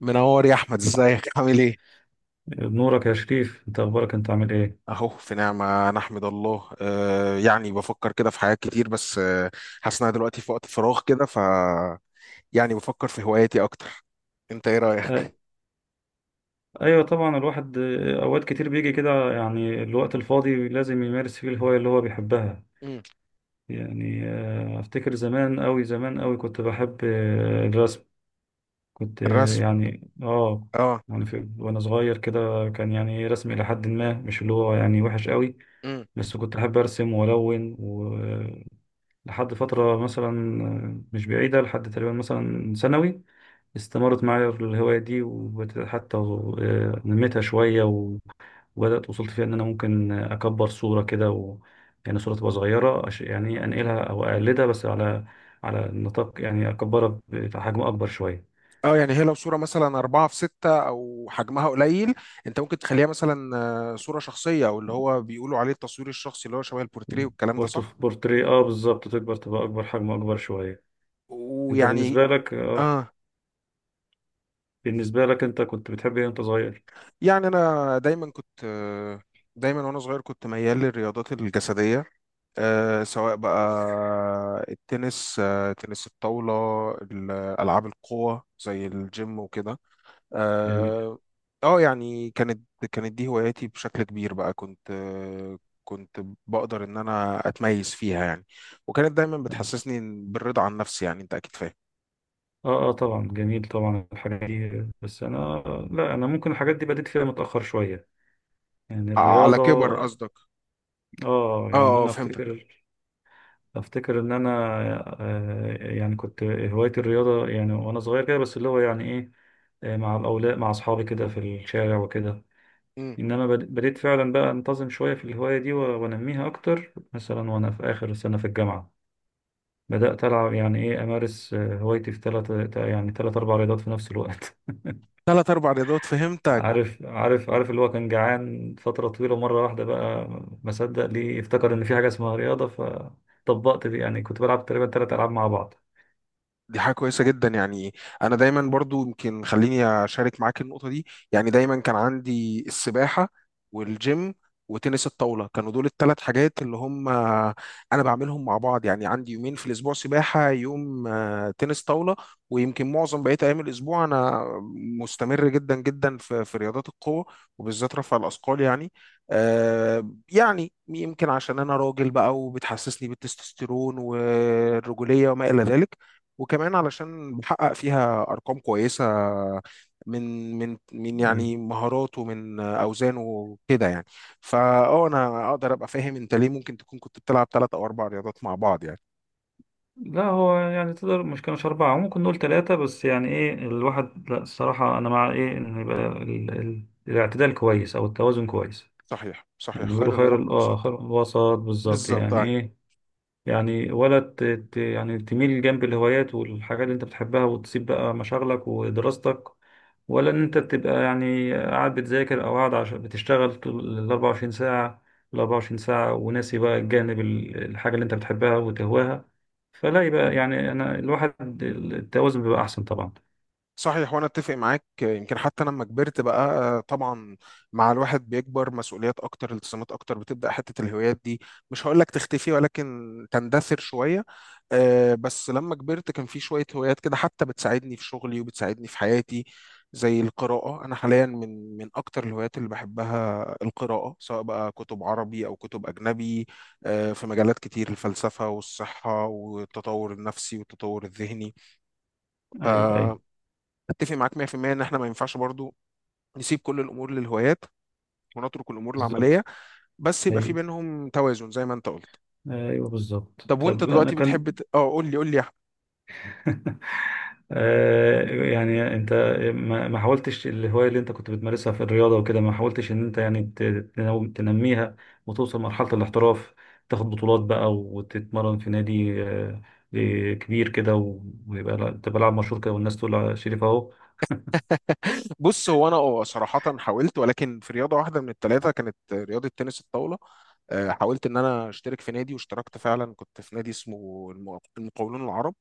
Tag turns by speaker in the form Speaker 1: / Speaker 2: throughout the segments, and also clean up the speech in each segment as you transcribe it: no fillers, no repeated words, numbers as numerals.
Speaker 1: منور يا احمد، ازيك عامل ايه؟
Speaker 2: بنورك يا شريف، انت اخبارك، انت عامل ايه؟
Speaker 1: اهو في نعمه نحمد الله. يعني بفكر كده في حاجات كتير، بس حاسس إن أنا دلوقتي في وقت فراغ كده يعني بفكر في هواياتي اكتر. انت ايه رايك؟
Speaker 2: أي- ايوه طبعا الواحد اوقات كتير بيجي كده، يعني الوقت الفاضي لازم يمارس فيه الهواية اللي هو بيحبها.
Speaker 1: مم.
Speaker 2: يعني افتكر زمان قوي زمان قوي كنت بحب الرسم. كنت
Speaker 1: الرسم.
Speaker 2: يعني
Speaker 1: اه.
Speaker 2: يعني في وانا صغير كده، كان يعني رسم الى حد ما، مش اللي هو يعني وحش قوي.
Speaker 1: مم.
Speaker 2: بس كنت احب ارسم والون، ولحد فترة مثلا مش بعيدة، لحد تقريبا مثلا ثانوي. استمرت معايا في الهواية دي، وحتى نميتها شوية وبدأت، وصلت فيها إن أنا ممكن أكبر صورة كده يعني صورة تبقى صغيرة، يعني أنقلها أو أقلدها، بس على نطاق، يعني أكبرها بحجم أكبر شوية.
Speaker 1: اه، يعني هي لو صوره مثلا أربعة في ستة أو حجمها قليل، أنت ممكن تخليها مثلا صورة شخصية، أو اللي هو بيقولوا عليه التصوير الشخصي اللي هو شبه البورتريه والكلام ده، صح؟
Speaker 2: في بورتري، بالظبط، تكبر تبقى أكبر، حجم أكبر شوية. أنت
Speaker 1: ويعني
Speaker 2: بالنسبة لك،
Speaker 1: اه،
Speaker 2: بالنسبة لك أنت كنت بتحب إيه وأنت صغير؟
Speaker 1: يعني انا دايما كنت، دايما وانا صغير كنت ميال للرياضات الجسديه، سواء بقى التنس، تنس الطاوله، ال- العاب القوه زي الجيم وكده.
Speaker 2: جميل.
Speaker 1: اه. يعني كانت دي هواياتي بشكل كبير. بقى كنت كنت بقدر ان انا اتميز فيها يعني. وكانت دايما بتحسسني بالرضا عن نفسي، يعني انت اكيد فاهم.
Speaker 2: اه، اه طبعا جميل، طبعا الحاجات دي، بس انا، لا انا ممكن الحاجات دي بديت فيها متأخر شوية، يعني
Speaker 1: على
Speaker 2: الرياضة.
Speaker 1: كبر قصدك.
Speaker 2: اه
Speaker 1: اه
Speaker 2: يعني
Speaker 1: اه
Speaker 2: انا
Speaker 1: فهمتك.
Speaker 2: افتكر، ان انا يعني كنت هوايتي الرياضة يعني وانا صغير كده، بس اللي هو يعني ايه، مع الاولاد، مع اصحابي كده في الشارع وكده.
Speaker 1: مم.
Speaker 2: انما بديت فعلا بقى انتظم شوية في الهواية دي، وانميها اكتر، مثلا وانا في اخر سنة في الجامعة. بدأت ألعب، يعني إيه، أمارس هوايتي في ثلاث أربع رياضات في نفس الوقت.
Speaker 1: ثلاث اربع رياضات فهمتك.
Speaker 2: عارف، اللي هو كان جعان فترة طويلة مرة واحدة بقى، ما صدق ليه، افتكر إن في حاجة اسمها رياضة، فطبقت دي، يعني كنت بلعب تقريبا تلات ألعاب مع بعض.
Speaker 1: دي حاجة كويسة جدا يعني. أنا دايما برضو، يمكن خليني أشارك معاك النقطة دي. يعني دايما كان عندي السباحة والجيم وتنس الطاولة، كانوا دول الثلاث حاجات اللي هم أنا بعملهم مع بعض، يعني عندي يومين في الأسبوع سباحة، يوم تنس طاولة. ويمكن معظم بقية أيام الأسبوع أنا مستمر جدا جدا في رياضات القوة، وبالذات رفع الأثقال يعني. يعني يمكن عشان أنا راجل بقى، وبتحسسني بالتستوستيرون والرجولية وما إلى ذلك. وكمان علشان بحقق فيها ارقام كويسه، من
Speaker 2: أي،
Speaker 1: يعني مهاراته، من اوزانه كده يعني. فاه انا اقدر ابقى فاهم انت ليه ممكن تكون كنت بتلعب ثلاث او اربع رياضات مع بعض يعني.
Speaker 2: لا هو يعني تقدر، مش كانش أربعة، ممكن نقول تلاتة، بس يعني إيه الواحد، لا الصراحة أنا مع إيه إن يبقى الاعتدال كويس أو التوازن كويس.
Speaker 1: صحيح،
Speaker 2: يعني
Speaker 1: صحيح،
Speaker 2: بيقولوا
Speaker 1: خير
Speaker 2: خير
Speaker 1: الامور
Speaker 2: ال... آه
Speaker 1: الوسط،
Speaker 2: خير الوسط، بالظبط
Speaker 1: بالظبط
Speaker 2: يعني
Speaker 1: آه.
Speaker 2: إيه. يعني ولا يعني تميل جنب الهوايات والحاجات اللي أنت بتحبها، وتسيب بقى مشاغلك ودراستك، ولا ان انت بتبقى يعني قاعد بتذاكر، او قاعد عشان بتشتغل طول ال 24 ساعة، ال 24 ساعة، وناسي بقى الحاجة اللي انت بتحبها وتهواها. فلا، يبقى يعني انا الواحد التوازن بيبقى احسن طبعا.
Speaker 1: صحيح، وانا اتفق معاك. يمكن حتى لما كبرت بقى طبعا، مع الواحد بيكبر مسؤوليات اكتر، التزامات اكتر، بتبدا حته الهوايات دي، مش هقول لك تختفي، ولكن تندثر شويه. بس لما كبرت كان في شويه هوايات كده حتى بتساعدني في شغلي وبتساعدني في حياتي، زي القراءه. انا حاليا من اكتر الهوايات اللي بحبها القراءه، سواء بقى كتب عربي او كتب اجنبي، في مجالات كتير، الفلسفه والصحه والتطور النفسي والتطور الذهني.
Speaker 2: ايوه، ايوه
Speaker 1: اتفق معاك 100% ان احنا ما ينفعش برضو نسيب كل الامور للهوايات، ونترك الامور العمليه.
Speaker 2: بالظبط.
Speaker 1: بس يبقى في
Speaker 2: ايوه،
Speaker 1: بينهم توازن زي ما انت قلت.
Speaker 2: ايوه بالظبط.
Speaker 1: طب وانت
Speaker 2: طب انا
Speaker 1: دلوقتي بتحب
Speaker 2: كان
Speaker 1: قول لي، قول لي يا أحمد.
Speaker 2: يعني انت، ما حاولتش الهواية اللي انت كنت بتمارسها في الرياضة وكده، ما حاولتش ان انت يعني تنميها، وتوصل مرحلة الاحتراف، تاخد بطولات بقى، وتتمرن في نادي كبير كده، ويبقى تبقى لاعب مشهور كده، والناس تقول على شريف اهو.
Speaker 1: بص هو انا اه صراحه حاولت، ولكن في رياضه واحده من الثلاثه كانت رياضه تنس الطاوله. حاولت ان انا اشترك في نادي، واشتركت فعلا، كنت في نادي اسمه المقاولون العرب،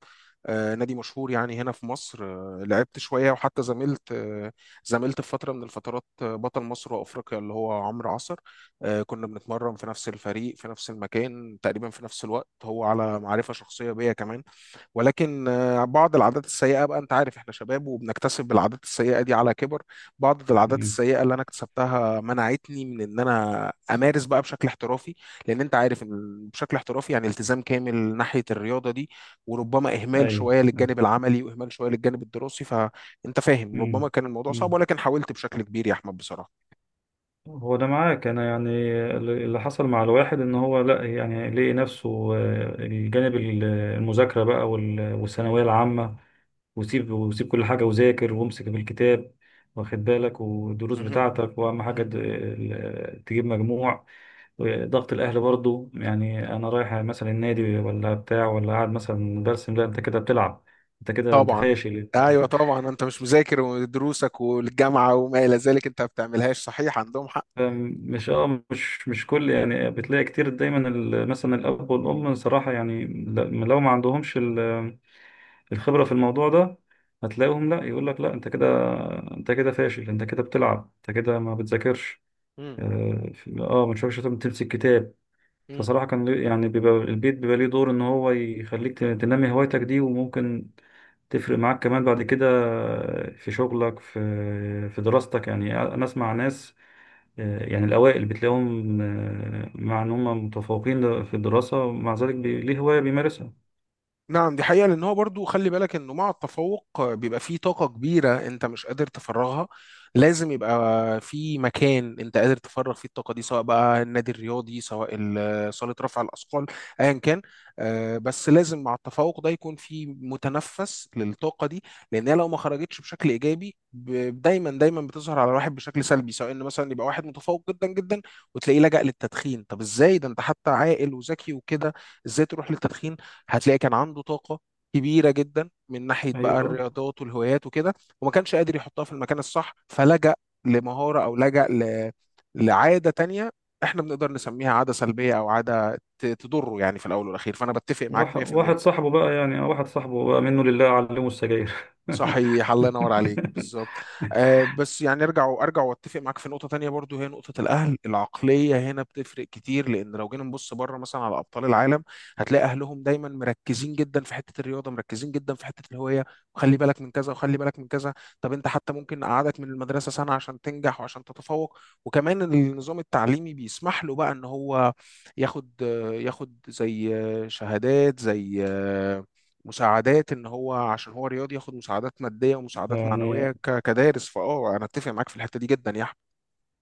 Speaker 1: نادي مشهور يعني هنا في مصر. لعبت شويه، وحتى زميلت في فتره من الفترات، بطل مصر وافريقيا، اللي هو عمرو عصر. كنا بنتمرن في نفس الفريق في نفس المكان تقريبا في نفس الوقت. هو على معرفه شخصيه بيا كمان. ولكن بعض العادات السيئة بقى، أنت عارف إحنا شباب وبنكتسب العادات السيئة دي على كبر. بعض العادات
Speaker 2: مم.
Speaker 1: السيئة اللي أنا اكتسبتها منعتني من إن أنا أمارس بقى بشكل احترافي. لأن أنت عارف إن بشكل احترافي يعني التزام كامل ناحية الرياضة دي، وربما إهمال
Speaker 2: ايوه.
Speaker 1: شوية للجانب العملي، وإهمال شوية للجانب الدراسي. فأنت فاهم ربما
Speaker 2: مم.
Speaker 1: كان الموضوع صعب،
Speaker 2: مم.
Speaker 1: ولكن حاولت بشكل كبير يا أحمد بصراحة.
Speaker 2: هو ده معاك، انا يعني اللي حصل مع الواحد ان هو، لا يعني لقي نفسه الجانب المذاكرة بقى والثانوية العامة، وسيب كل حاجة، وذاكر، وامسك في الكتاب، واخد بالك، والدروس
Speaker 1: مهم.
Speaker 2: بتاعتك، وأهم حاجة
Speaker 1: مهم.
Speaker 2: تجيب مجموع. ضغط الأهل برضو، يعني أنا رايح مثلا النادي ولا بتاع، ولا قاعد مثلا برسم، لا أنت كده بتلعب، أنت كده أنت
Speaker 1: طبعا.
Speaker 2: فاشل.
Speaker 1: ايوه طبعا، انت مش مذاكر ودروسك والجامعه وما الى ذلك، انت ما بتعملهاش، صحيح عندهم
Speaker 2: مش اه مش مش كل، يعني بتلاقي كتير دايما مثلا الأب والأم، صراحة يعني لو ما عندهمش الخبرة في الموضوع ده، هتلاقيهم، لا يقول لك لا انت كده، انت كده فاشل، انت كده بتلعب، انت كده ما بتذاكرش.
Speaker 1: حق.
Speaker 2: اه، ما تشربش شاي، تمسك كتاب.
Speaker 1: مم.
Speaker 2: فصراحة، يعني بيبقى البيت، بيبقى ليه دور ان هو يخليك تنمي هوايتك دي، وممكن تفرق معاك كمان بعد كده في شغلك، في دراستك. يعني انا اسمع ناس يعني الاوائل بتلاقيهم، مع ان هم متفوقين في الدراسة، مع ذلك ليه هواية بيمارسها.
Speaker 1: نعم، دي حقيقة. لأن هو برضو خلي بالك إنه مع التفوق بيبقى فيه طاقة كبيرة أنت مش قادر تفرغها. لازم يبقى في مكان أنت قادر تفرغ فيه الطاقة دي، سواء بقى النادي الرياضي، سواء صالة رفع الأثقال، أيا كان. بس لازم مع التفوق ده يكون في متنفس للطاقة دي. لأن هي لو ما خرجتش بشكل إيجابي دايما دايما بتظهر على الواحد بشكل سلبي. سواء إن مثلا يبقى واحد متفوق جدا جدا، وتلاقيه لجأ للتدخين. طب إزاي ده، أنت حتى عاقل وذكي وكده، إزاي تروح للتدخين؟ هتلاقي كان عنده طاقة كبيرة جدا من ناحية بقى
Speaker 2: ايوه.
Speaker 1: الرياضات والهوايات وكده، وما كانش قادر يحطها في المكان الصح، فلجأ لمهارة، أو لجأ لعادة تانية احنا بنقدر نسميها عادة سلبية، أو عادة تضره يعني في الأول والأخير. فأنا بتفق معاك
Speaker 2: واحد
Speaker 1: مية في
Speaker 2: واحد
Speaker 1: المية.
Speaker 2: صاحبه بقى، يعني واحد صاحبه بقى منه لله، علمه السجاير
Speaker 1: صحيح، الله ينور عليك، بالظبط. آه، بس يعني ارجع، واتفق معاك في نقطه تانية برضو. هي نقطه الاهل، العقليه هنا بتفرق كتير. لان لو جينا نبص بره مثلا على ابطال العالم، هتلاقي اهلهم دايما مركزين جدا في حته الرياضه، مركزين جدا في حته الهوايه، وخلي بالك من كذا، وخلي بالك من كذا. طب انت حتى ممكن اقعدك من المدرسه سنه عشان تنجح وعشان تتفوق. وكمان النظام التعليمي بيسمح له بقى ان هو ياخد، ياخد زي شهادات، زي مساعدات. ان هو عشان هو رياضي ياخد مساعدات ماديه ومساعدات معنويه
Speaker 2: يعني
Speaker 1: كدارس. فاه انا اتفق معاك في الحته دي جدا يا احمد.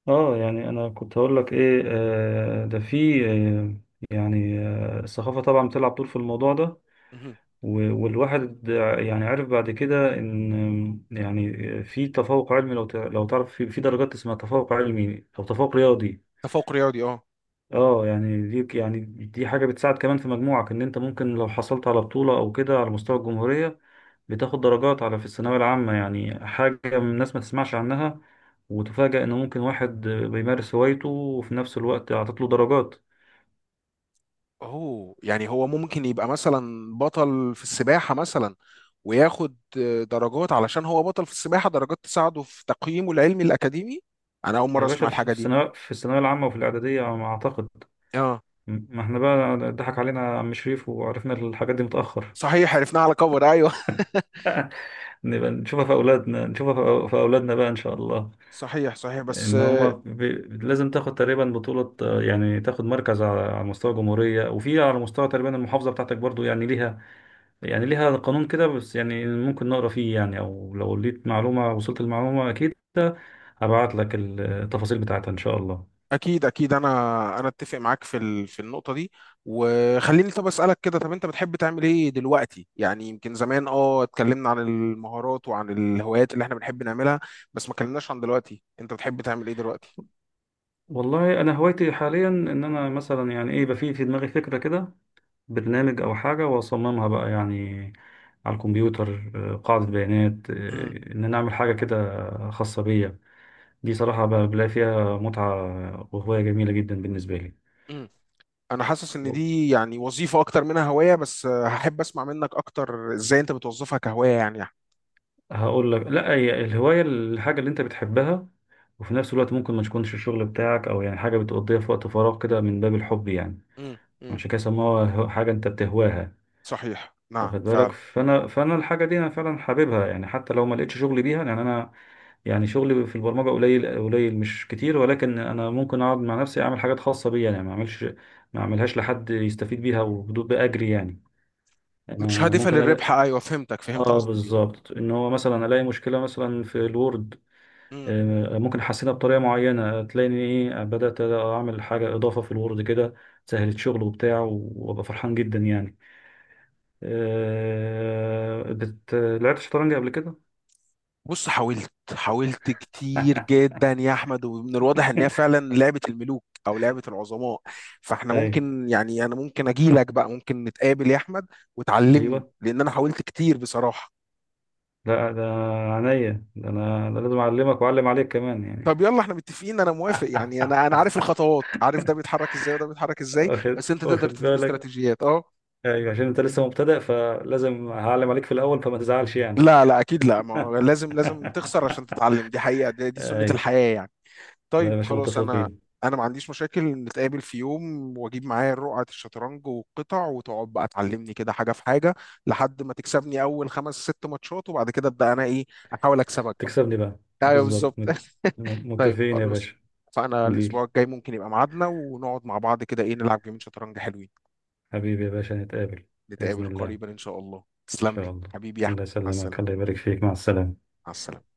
Speaker 2: اه يعني انا كنت هقول لك ايه، ده في يعني الثقافه طبعا بتلعب دور في الموضوع ده،
Speaker 1: مهم.
Speaker 2: والواحد يعني عرف بعد كده ان، يعني في تفوق علمي، لو تعرف في درجات اسمها تفوق علمي او تفوق رياضي.
Speaker 1: تفوق رياضي اه.
Speaker 2: اه يعني دي حاجه بتساعد كمان في مجموعك، ان انت ممكن لو حصلت على بطوله او كده على مستوى الجمهوريه، بتاخد درجات في الثانوية العامة. يعني حاجة من الناس ما تسمعش عنها، وتفاجأ إن ممكن واحد بيمارس هوايته وفي نفس الوقت عطت له درجات.
Speaker 1: اوه، يعني هو ممكن يبقى مثلا بطل في السباحه مثلا، وياخد درجات علشان هو بطل في السباحه، درجات تساعده في تقييمه العلمي الاكاديمي. انا اول مره
Speaker 2: يا
Speaker 1: اسمع
Speaker 2: باشا،
Speaker 1: الحاجه دي.
Speaker 2: في الثانوية العامة، وفي الإعدادية على ما أعتقد.
Speaker 1: اه.
Speaker 2: ما احنا بقى ضحك علينا عم شريف، وعرفنا الحاجات دي متأخر
Speaker 1: صحيح، عرفناها على كبر ايوه.
Speaker 2: نبقى نشوفها في أولادنا، نشوفها في أولادنا بقى، إن شاء الله.
Speaker 1: صحيح صحيح بس.
Speaker 2: إن هما لازم تاخد تقريبا بطولة، يعني تاخد مركز على مستوى الجمهورية، وفي على مستوى تقريبا المحافظة بتاعتك برضو، يعني ليها، يعني ليها قانون كده، بس يعني ممكن نقرا فيه، يعني او لو لقيت معلومة، وصلت المعلومة، اكيد هبعت لك التفاصيل بتاعتها ان شاء الله.
Speaker 1: اكيد اكيد. انا اتفق معاك في في النقطه دي. وخليني طب اسالك كده، طب انت بتحب تعمل ايه دلوقتي؟ يعني يمكن زمان اه اتكلمنا عن المهارات وعن الهوايات اللي احنا بنحب نعملها، بس ما اتكلمناش عن دلوقتي انت بتحب تعمل ايه دلوقتي.
Speaker 2: والله انا هوايتي حاليا، ان انا مثلا يعني ايه، يبقى في دماغي فكرة كده، برنامج او حاجة، واصممها بقى يعني، على الكمبيوتر، قاعدة بيانات،
Speaker 1: امم.
Speaker 2: ان انا اعمل حاجة كده خاصة بيا. دي صراحة بلاقي فيها متعة، وهواية جميلة جدا بالنسبة لي.
Speaker 1: امم. انا حاسس ان دي يعني وظيفه اكتر منها هوايه، بس هحب اسمع منك اكتر ازاي انت بتوظفها كهوايه يعني
Speaker 2: هقول لك، لا، هي الهواية الحاجة اللي انت بتحبها، وفي نفس الوقت ممكن ما تكونش الشغل بتاعك، او يعني حاجة بتقضيها في وقت فراغ كده من باب الحب يعني.
Speaker 1: امم. امم.
Speaker 2: عشان كده سموها حاجة انت بتهواها،
Speaker 1: صحيح، نعم
Speaker 2: واخد بالك؟
Speaker 1: فعلا.
Speaker 2: فانا الحاجة دي انا فعلا حاببها، يعني حتى لو ما لقيتش شغل بيها، يعني انا، يعني شغلي في البرمجة قليل قليل، مش كتير، ولكن انا ممكن اقعد مع نفسي، اعمل حاجات خاصة بيا يعني، ما اعملهاش لحد يستفيد بيها وبدون بأجري يعني. انا
Speaker 1: مش هادفه
Speaker 2: ممكن
Speaker 1: للربح،
Speaker 2: ألاقي،
Speaker 1: ايوه فهمتك، فهمت
Speaker 2: اه
Speaker 1: قصدك ايه.
Speaker 2: بالظبط، ان هو مثلا الاقي مشكله مثلا في الوورد، ممكن احسنها بطريقه معينه، تلاقيني ايه، بدات اعمل حاجه اضافه في الوورد كده، سهلت شغل وبتاع، وابقى فرحان جدا يعني. لعبت شطرنج قبل كده؟
Speaker 1: بص حاولت كتير جدا يا احمد، ومن الواضح ان هي فعلا لعبه الملوك او لعبه العظماء. فاحنا
Speaker 2: اي.
Speaker 1: ممكن، يعني انا ممكن اجي لك بقى، ممكن نتقابل يا احمد وتعلمني،
Speaker 2: ايوه.
Speaker 1: لان انا حاولت كتير بصراحه.
Speaker 2: لا، ده عينيا، ده انا، ده لازم اعلمك واعلم عليك كمان يعني.
Speaker 1: طب يلا احنا متفقين، انا موافق. يعني انا عارف الخطوات، عارف ده بيتحرك ازاي وده بيتحرك ازاي، بس انت تقدر
Speaker 2: واخد
Speaker 1: تديني
Speaker 2: بالك،
Speaker 1: استراتيجيات اه.
Speaker 2: ايوه عشان انت لسه مبتدئ، فلازم هعلم عليك في الاول، فما تزعلش يعني.
Speaker 1: لا لا اكيد لا، ما هو لازم لازم تخسر عشان تتعلم. دي حقيقه دي, سنه
Speaker 2: ايوه.
Speaker 1: الحياه يعني.
Speaker 2: لا يا
Speaker 1: طيب
Speaker 2: باشا،
Speaker 1: خلاص انا،
Speaker 2: متفقين.
Speaker 1: انا ما عنديش مشاكل، نتقابل في يوم واجيب معايا رقعة الشطرنج والقطع، وتقعد بقى تعلمني كده حاجة في حاجة لحد ما تكسبني اول خمس ست ماتشات. وبعد كده ابدا انا ايه، احاول اكسبك بقى.
Speaker 2: تكسبني بقى
Speaker 1: ايوه
Speaker 2: بالظبط،
Speaker 1: بالظبط. طيب
Speaker 2: متفقين يا
Speaker 1: خلاص.
Speaker 2: باشا.
Speaker 1: فانا الاسبوع
Speaker 2: ديل
Speaker 1: الجاي ممكن يبقى ميعادنا، ونقعد مع بعض كده ايه، نلعب جيمين شطرنج حلوين.
Speaker 2: حبيبي يا باشا، نتقابل. بإذن
Speaker 1: نتقابل
Speaker 2: الله، إن
Speaker 1: قريبا ان شاء الله. تسلم
Speaker 2: شاء
Speaker 1: لي
Speaker 2: الله.
Speaker 1: حبيبي يا
Speaker 2: الله
Speaker 1: احمد. مع
Speaker 2: يسلمك،
Speaker 1: السلامة.
Speaker 2: الله يبارك فيك، مع السلامة.
Speaker 1: مع السلامة.